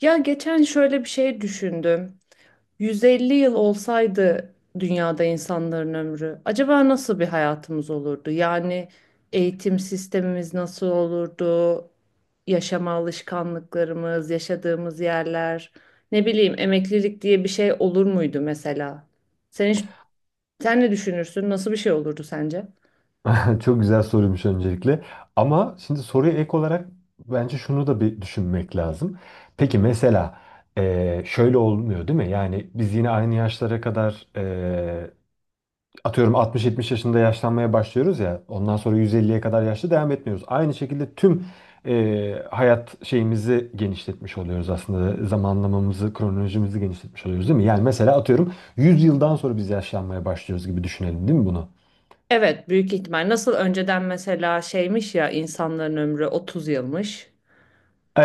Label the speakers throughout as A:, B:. A: Ya geçen şöyle bir şey düşündüm. 150 yıl olsaydı dünyada insanların ömrü, acaba nasıl bir hayatımız olurdu? Yani eğitim sistemimiz nasıl olurdu? Yaşama alışkanlıklarımız, yaşadığımız yerler, ne bileyim emeklilik diye bir şey olur muydu mesela? Sen hiç, Sen ne düşünürsün? Nasıl bir şey olurdu sence?
B: Çok güzel soruymuş öncelikle. Ama şimdi soruya ek olarak bence şunu da bir düşünmek lazım. Peki mesela şöyle olmuyor değil mi? Yani biz yine aynı yaşlara kadar atıyorum 60-70 yaşında yaşlanmaya başlıyoruz ya. Ondan sonra 150'ye kadar yaşlı devam etmiyoruz. Aynı şekilde tüm hayat şeyimizi genişletmiş oluyoruz aslında. Zamanlamamızı, kronolojimizi genişletmiş oluyoruz değil mi? Yani mesela atıyorum 100 yıldan sonra biz yaşlanmaya başlıyoruz gibi düşünelim değil mi bunu?
A: Evet, büyük ihtimal. Nasıl önceden mesela şeymiş ya insanların ömrü 30 yılmış.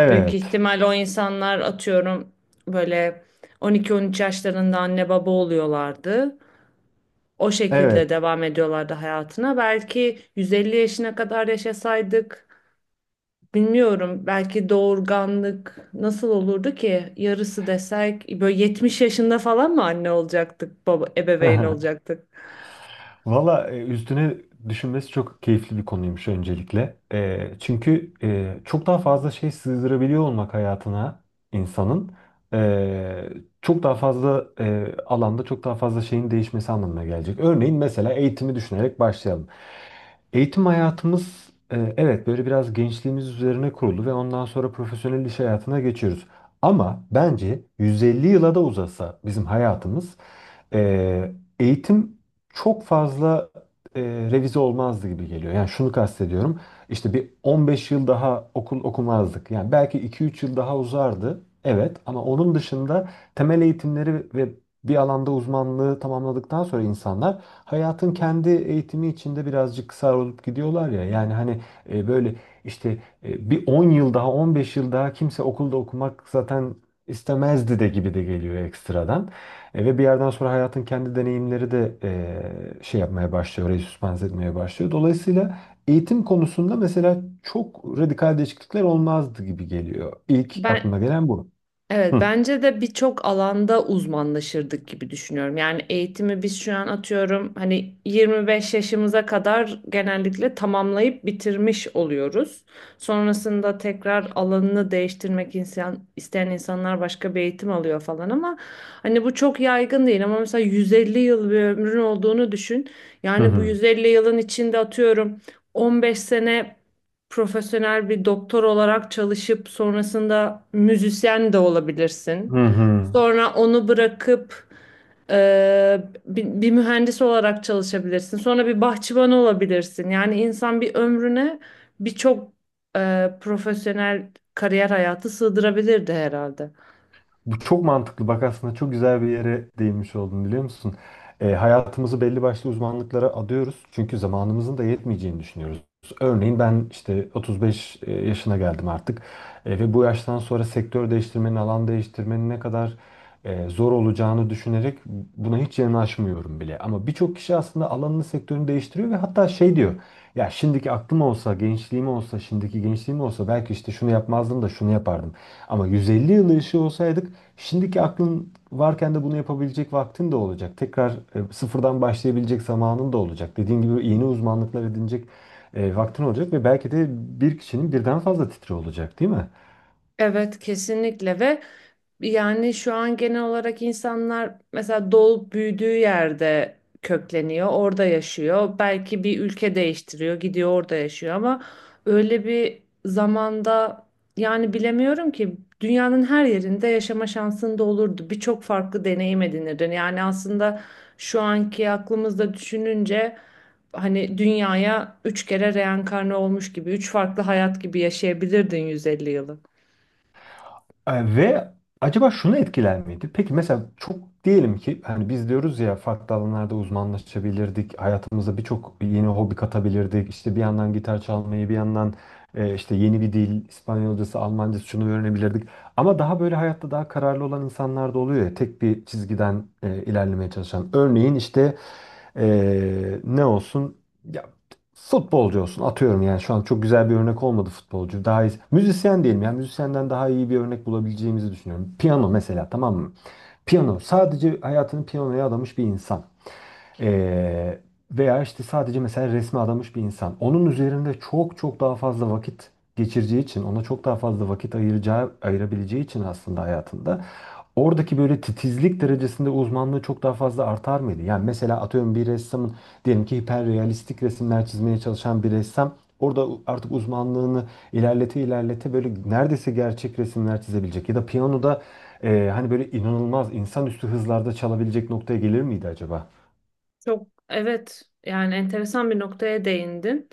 A: Büyük ihtimal o insanlar atıyorum böyle 12-13 yaşlarında anne baba oluyorlardı. O
B: Evet.
A: şekilde devam ediyorlardı hayatına. Belki 150 yaşına kadar yaşasaydık bilmiyorum belki doğurganlık nasıl olurdu ki? Yarısı desek böyle 70 yaşında falan mı anne olacaktık, baba ebeveyn olacaktık?
B: Valla üstüne düşünmesi çok keyifli bir konuymuş öncelikle. Çünkü çok daha fazla şey sığdırabiliyor olmak hayatına insanın e, çok daha fazla alanda çok daha fazla şeyin değişmesi anlamına gelecek. Örneğin mesela eğitimi düşünerek başlayalım. Eğitim hayatımız evet böyle biraz gençliğimiz üzerine kurulu ve ondan sonra profesyonel iş hayatına geçiyoruz. Ama bence 150 yıla da uzasa bizim hayatımız e, eğitim çok fazla revize olmazdı gibi geliyor. Yani şunu kastediyorum. İşte bir 15 yıl daha okul okumazdık. Yani belki 2-3 yıl daha uzardı. Evet, ama onun dışında temel eğitimleri ve bir alanda uzmanlığı tamamladıktan sonra insanlar hayatın kendi eğitimi içinde birazcık kısar olup gidiyorlar ya. Yani hani böyle işte bir 10 yıl daha 15 yıl daha kimse okulda okumak zaten istemezdi de gibi de geliyor ekstradan. Ve bir yerden sonra hayatın kendi deneyimleri de şey yapmaya başlıyor, orayı süspans etmeye başlıyor. Dolayısıyla eğitim konusunda mesela çok radikal değişiklikler olmazdı gibi geliyor. İlk
A: Ben
B: aklıma gelen bu.
A: Evet,
B: Hı
A: bence de birçok alanda uzmanlaşırdık gibi düşünüyorum. Yani eğitimi biz şu an atıyorum hani 25 yaşımıza kadar genellikle tamamlayıp bitirmiş oluyoruz. Sonrasında tekrar alanını değiştirmek insan, isteyen insanlar başka bir eğitim alıyor falan ama hani bu çok yaygın değil ama mesela 150 yıl bir ömrün olduğunu düşün.
B: hı
A: Yani bu
B: hı.
A: 150 yılın içinde atıyorum 15 sene profesyonel bir doktor olarak çalışıp sonrasında müzisyen de olabilirsin.
B: Hı hı.
A: Sonra onu bırakıp bir mühendis olarak çalışabilirsin. Sonra bir bahçıvan olabilirsin. Yani insan bir ömrüne birçok profesyonel kariyer hayatı sığdırabilirdi herhalde.
B: Bu çok mantıklı. Bak aslında çok güzel bir yere değinmiş oldun, biliyor musun? Hayatımızı belli başlı uzmanlıklara adıyoruz. Çünkü zamanımızın da yetmeyeceğini düşünüyoruz. Örneğin ben işte 35 yaşına geldim artık. Ve bu yaştan sonra sektör değiştirmenin, alan değiştirmenin ne kadar zor olacağını düşünerek buna hiç yanaşmıyorum bile. Ama birçok kişi aslında alanını, sektörünü değiştiriyor ve hatta şey diyor. Ya şimdiki aklım olsa, gençliğim olsa, şimdiki gençliğim olsa belki işte şunu yapmazdım da şunu yapardım. Ama 150 yıl yaşıyor olsaydık şimdiki aklın varken de bunu yapabilecek vaktin de olacak. Tekrar sıfırdan başlayabilecek zamanın da olacak. Dediğin gibi yeni uzmanlıklar edinecek vaktin olacak ve belki de bir kişinin birden fazla titri olacak, değil mi?
A: Evet kesinlikle ve yani şu an genel olarak insanlar mesela doğup büyüdüğü yerde kökleniyor, orada yaşıyor. Belki bir ülke değiştiriyor, gidiyor orada yaşıyor ama öyle bir zamanda yani bilemiyorum ki dünyanın her yerinde yaşama şansın da olurdu. Birçok farklı deneyim edinirdin. Yani aslında şu anki aklımızda düşününce hani dünyaya üç kere reenkarne olmuş gibi, üç farklı hayat gibi yaşayabilirdin 150 yılı.
B: Ve acaba şunu etkiler miydi? Peki mesela çok diyelim ki hani biz diyoruz ya, farklı alanlarda uzmanlaşabilirdik. Hayatımıza birçok yeni hobi katabilirdik. İşte bir yandan gitar çalmayı, bir yandan işte yeni bir dil, İspanyolcası, Almancası şunu öğrenebilirdik. Ama daha böyle hayatta daha kararlı olan insanlar da oluyor ya, tek bir çizgiden ilerlemeye çalışan. Örneğin işte e, ne olsun? Futbolcu olsun atıyorum, yani şu an çok güzel bir örnek olmadı futbolcu. Daha iyi, müzisyen diyelim, yani müzisyenden daha iyi bir örnek bulabileceğimizi düşünüyorum. Piyano mesela, tamam mı? Piyano sadece hayatını piyanoya adamış bir insan. Ee, veya işte sadece mesela resme adamış bir insan. Onun üzerinde çok çok daha fazla vakit geçireceği için, ona çok daha fazla vakit ayıracağı, ayırabileceği için aslında hayatında oradaki böyle titizlik derecesinde uzmanlığı çok daha fazla artar mıydı? Yani mesela atıyorum bir ressamın, diyelim ki hiperrealistik resimler çizmeye çalışan bir ressam orada artık uzmanlığını ilerlete ilerlete böyle neredeyse gerçek resimler çizebilecek ya da piyanoda hani böyle inanılmaz insanüstü hızlarda çalabilecek noktaya gelir miydi acaba?
A: Çok evet yani enteresan bir noktaya değindin.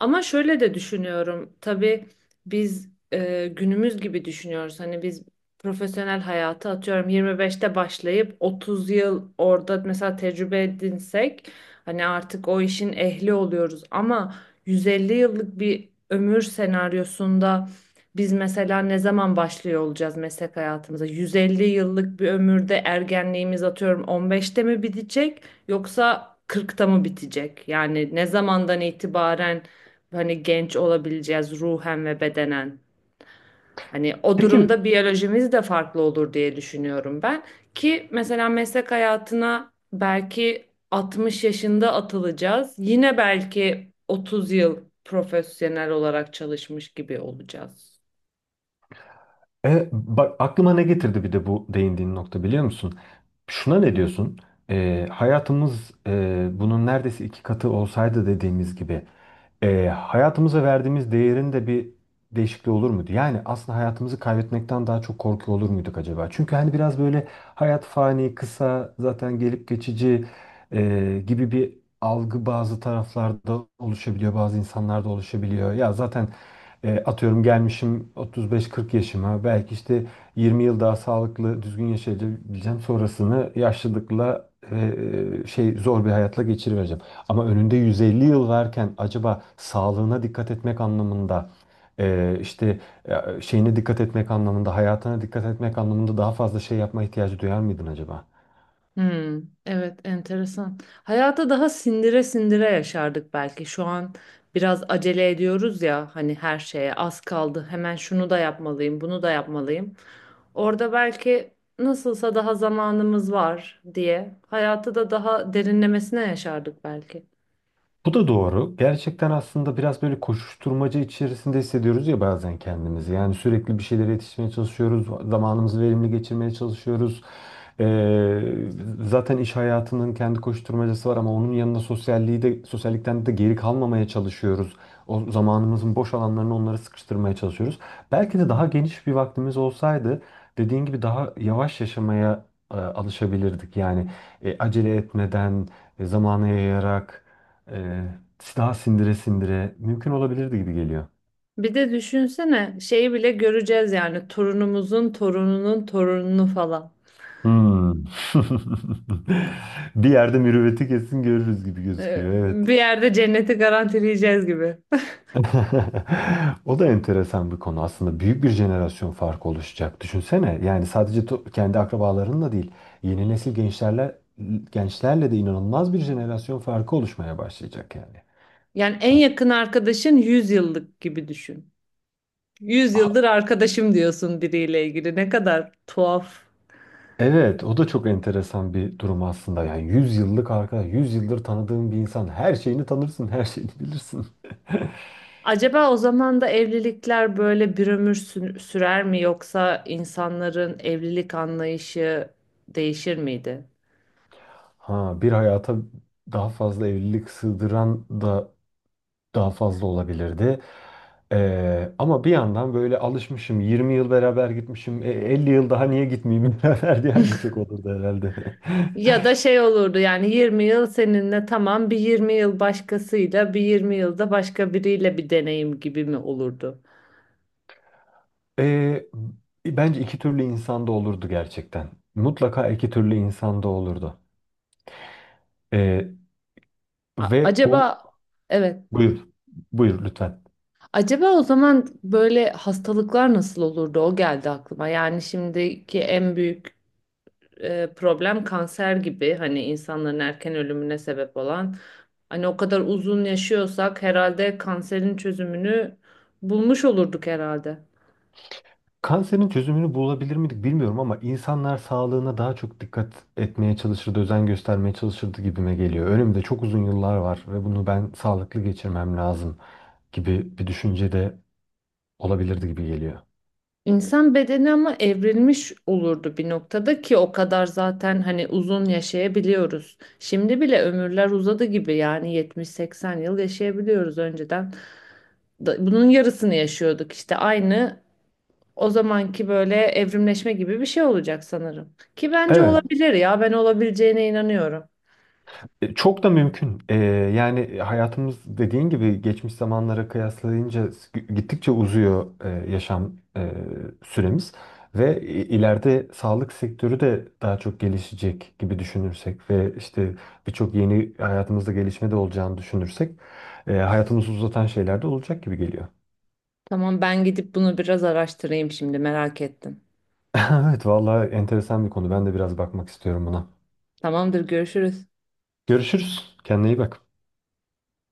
A: Ama şöyle de düşünüyorum. Tabii biz günümüz gibi düşünüyoruz. Hani biz profesyonel hayatı atıyorum 25'te başlayıp 30 yıl orada mesela tecrübe edinsek hani artık o işin ehli oluyoruz. Ama 150 yıllık bir ömür senaryosunda biz mesela ne zaman başlıyor olacağız meslek hayatımıza? 150 yıllık bir ömürde ergenliğimiz atıyorum 15'te mi bitecek? Yoksa 40'ta mı bitecek? Yani ne zamandan itibaren hani genç olabileceğiz ruhen ve bedenen? Hani o
B: Peki
A: durumda biyolojimiz de farklı olur diye düşünüyorum ben. Ki mesela meslek hayatına belki 60 yaşında atılacağız. Yine belki 30 yıl profesyonel olarak çalışmış gibi olacağız.
B: bak aklıma ne getirdi bir de bu değindiğin nokta, biliyor musun? Şuna ne diyorsun? Hayatımız bunun neredeyse iki katı olsaydı, dediğimiz gibi hayatımıza verdiğimiz değerin de bir değişikliği olur muydu? Yani aslında hayatımızı kaybetmekten daha çok korkuyor olur muyduk acaba? Çünkü hani biraz böyle hayat fani, kısa, zaten gelip geçici gibi bir algı bazı taraflarda oluşabiliyor, bazı insanlarda oluşabiliyor. Ya zaten atıyorum gelmişim 35-40 yaşıma, belki işte 20 yıl daha sağlıklı düzgün yaşayabileceğim, sonrasını yaşlılıkla şey zor bir hayatla geçirivereceğim. Ama önünde 150 yıl varken acaba sağlığına dikkat etmek anlamında işte şeyine dikkat etmek anlamında, hayatına dikkat etmek anlamında daha fazla şey yapma ihtiyacı duyar mıydın acaba?
A: Hmm, evet enteresan. Hayata daha sindire sindire yaşardık belki. Şu an biraz acele ediyoruz ya hani her şeye az kaldı. Hemen şunu da yapmalıyım, bunu da yapmalıyım. Orada belki nasılsa daha zamanımız var diye hayatı da daha derinlemesine yaşardık belki.
B: Bu da doğru. Gerçekten aslında biraz böyle koşuşturmaca içerisinde hissediyoruz ya bazen kendimizi. Yani sürekli bir şeylere yetişmeye çalışıyoruz. Zamanımızı verimli geçirmeye çalışıyoruz. Ee, zaten iş hayatının kendi koşuşturmacası var ama onun yanında sosyalliği de, sosyallikten de geri kalmamaya çalışıyoruz. O zamanımızın boş alanlarını onlara sıkıştırmaya çalışıyoruz. Belki de daha geniş bir vaktimiz olsaydı dediğin gibi daha yavaş yaşamaya alışabilirdik. Yani acele etmeden, zamana yayarak ee, daha sindire sindire mümkün olabilirdi gibi geliyor.
A: Bir de düşünsene şeyi bile göreceğiz yani torunumuzun torununun torununu falan.
B: Hmm. Bir yerde mürüvveti kesin görürüz gibi gözüküyor. Evet.
A: Bir yerde cenneti garantileyeceğiz gibi.
B: O da enteresan bir konu. Aslında büyük bir jenerasyon farkı oluşacak. Düşünsene. Yani sadece kendi akrabalarınla değil, yeni nesil gençlerle de inanılmaz bir jenerasyon farkı oluşmaya başlayacak yani.
A: Yani en
B: Aslında.
A: yakın arkadaşın 100 yıllık gibi düşün. 100 yıldır arkadaşım diyorsun biriyle ilgili. Ne kadar tuhaf.
B: Evet, o da çok enteresan bir durum aslında. Yani 100 yıllık arkadaş, 100 yıldır tanıdığın bir insan, her şeyini tanırsın, her şeyini bilirsin.
A: Acaba o zaman da evlilikler böyle bir ömür sürer mi yoksa insanların evlilik anlayışı değişir miydi?
B: Ha, bir hayata daha fazla evlilik sığdıran da daha fazla olabilirdi. Ama bir yandan böyle alışmışım, 20 yıl beraber gitmişim, 50 yıl daha niye gitmeyeyim beraber diyen de çok olurdu herhalde.
A: Ya da şey olurdu yani 20 yıl seninle tamam bir 20 yıl başkasıyla bir 20 yılda başka biriyle bir deneyim gibi mi olurdu?
B: Ee, bence iki türlü insan da olurdu gerçekten. Mutlaka iki türlü insan da olurdu. Ee,
A: A-
B: ve bu
A: acaba evet.
B: Buyur, buyur lütfen.
A: Acaba o zaman böyle hastalıklar nasıl olurdu? O geldi aklıma. Yani şimdiki en büyük problem kanser gibi hani insanların erken ölümüne sebep olan. Hani o kadar uzun yaşıyorsak herhalde kanserin çözümünü bulmuş olurduk herhalde.
B: Kanserin çözümünü bulabilir miydik bilmiyorum ama insanlar sağlığına daha çok dikkat etmeye çalışırdı, özen göstermeye çalışırdı gibime geliyor. Önümde çok uzun yıllar var ve bunu ben sağlıklı geçirmem lazım gibi bir düşünce de olabilirdi gibi geliyor.
A: İnsan bedeni ama evrilmiş olurdu bir noktada ki o kadar zaten hani uzun yaşayabiliyoruz. Şimdi bile ömürler uzadı gibi yani 70-80 yıl yaşayabiliyoruz önceden. Bunun yarısını yaşıyorduk işte aynı o zamanki böyle evrimleşme gibi bir şey olacak sanırım. Ki bence
B: Evet.
A: olabilir ya ben olabileceğine inanıyorum.
B: Çok da mümkün. Yani hayatımız dediğin gibi geçmiş zamanlara kıyaslayınca gittikçe uzuyor yaşam e, süremiz ve ileride sağlık sektörü de daha çok gelişecek gibi düşünürsek ve işte birçok yeni hayatımızda gelişme de olacağını düşünürsek hayatımızı uzatan şeyler de olacak gibi geliyor.
A: Tamam ben gidip bunu biraz araştırayım şimdi merak ettim.
B: Evet, vallahi enteresan bir konu. Ben de biraz bakmak istiyorum buna.
A: Tamamdır görüşürüz.
B: Görüşürüz. Kendine iyi bak.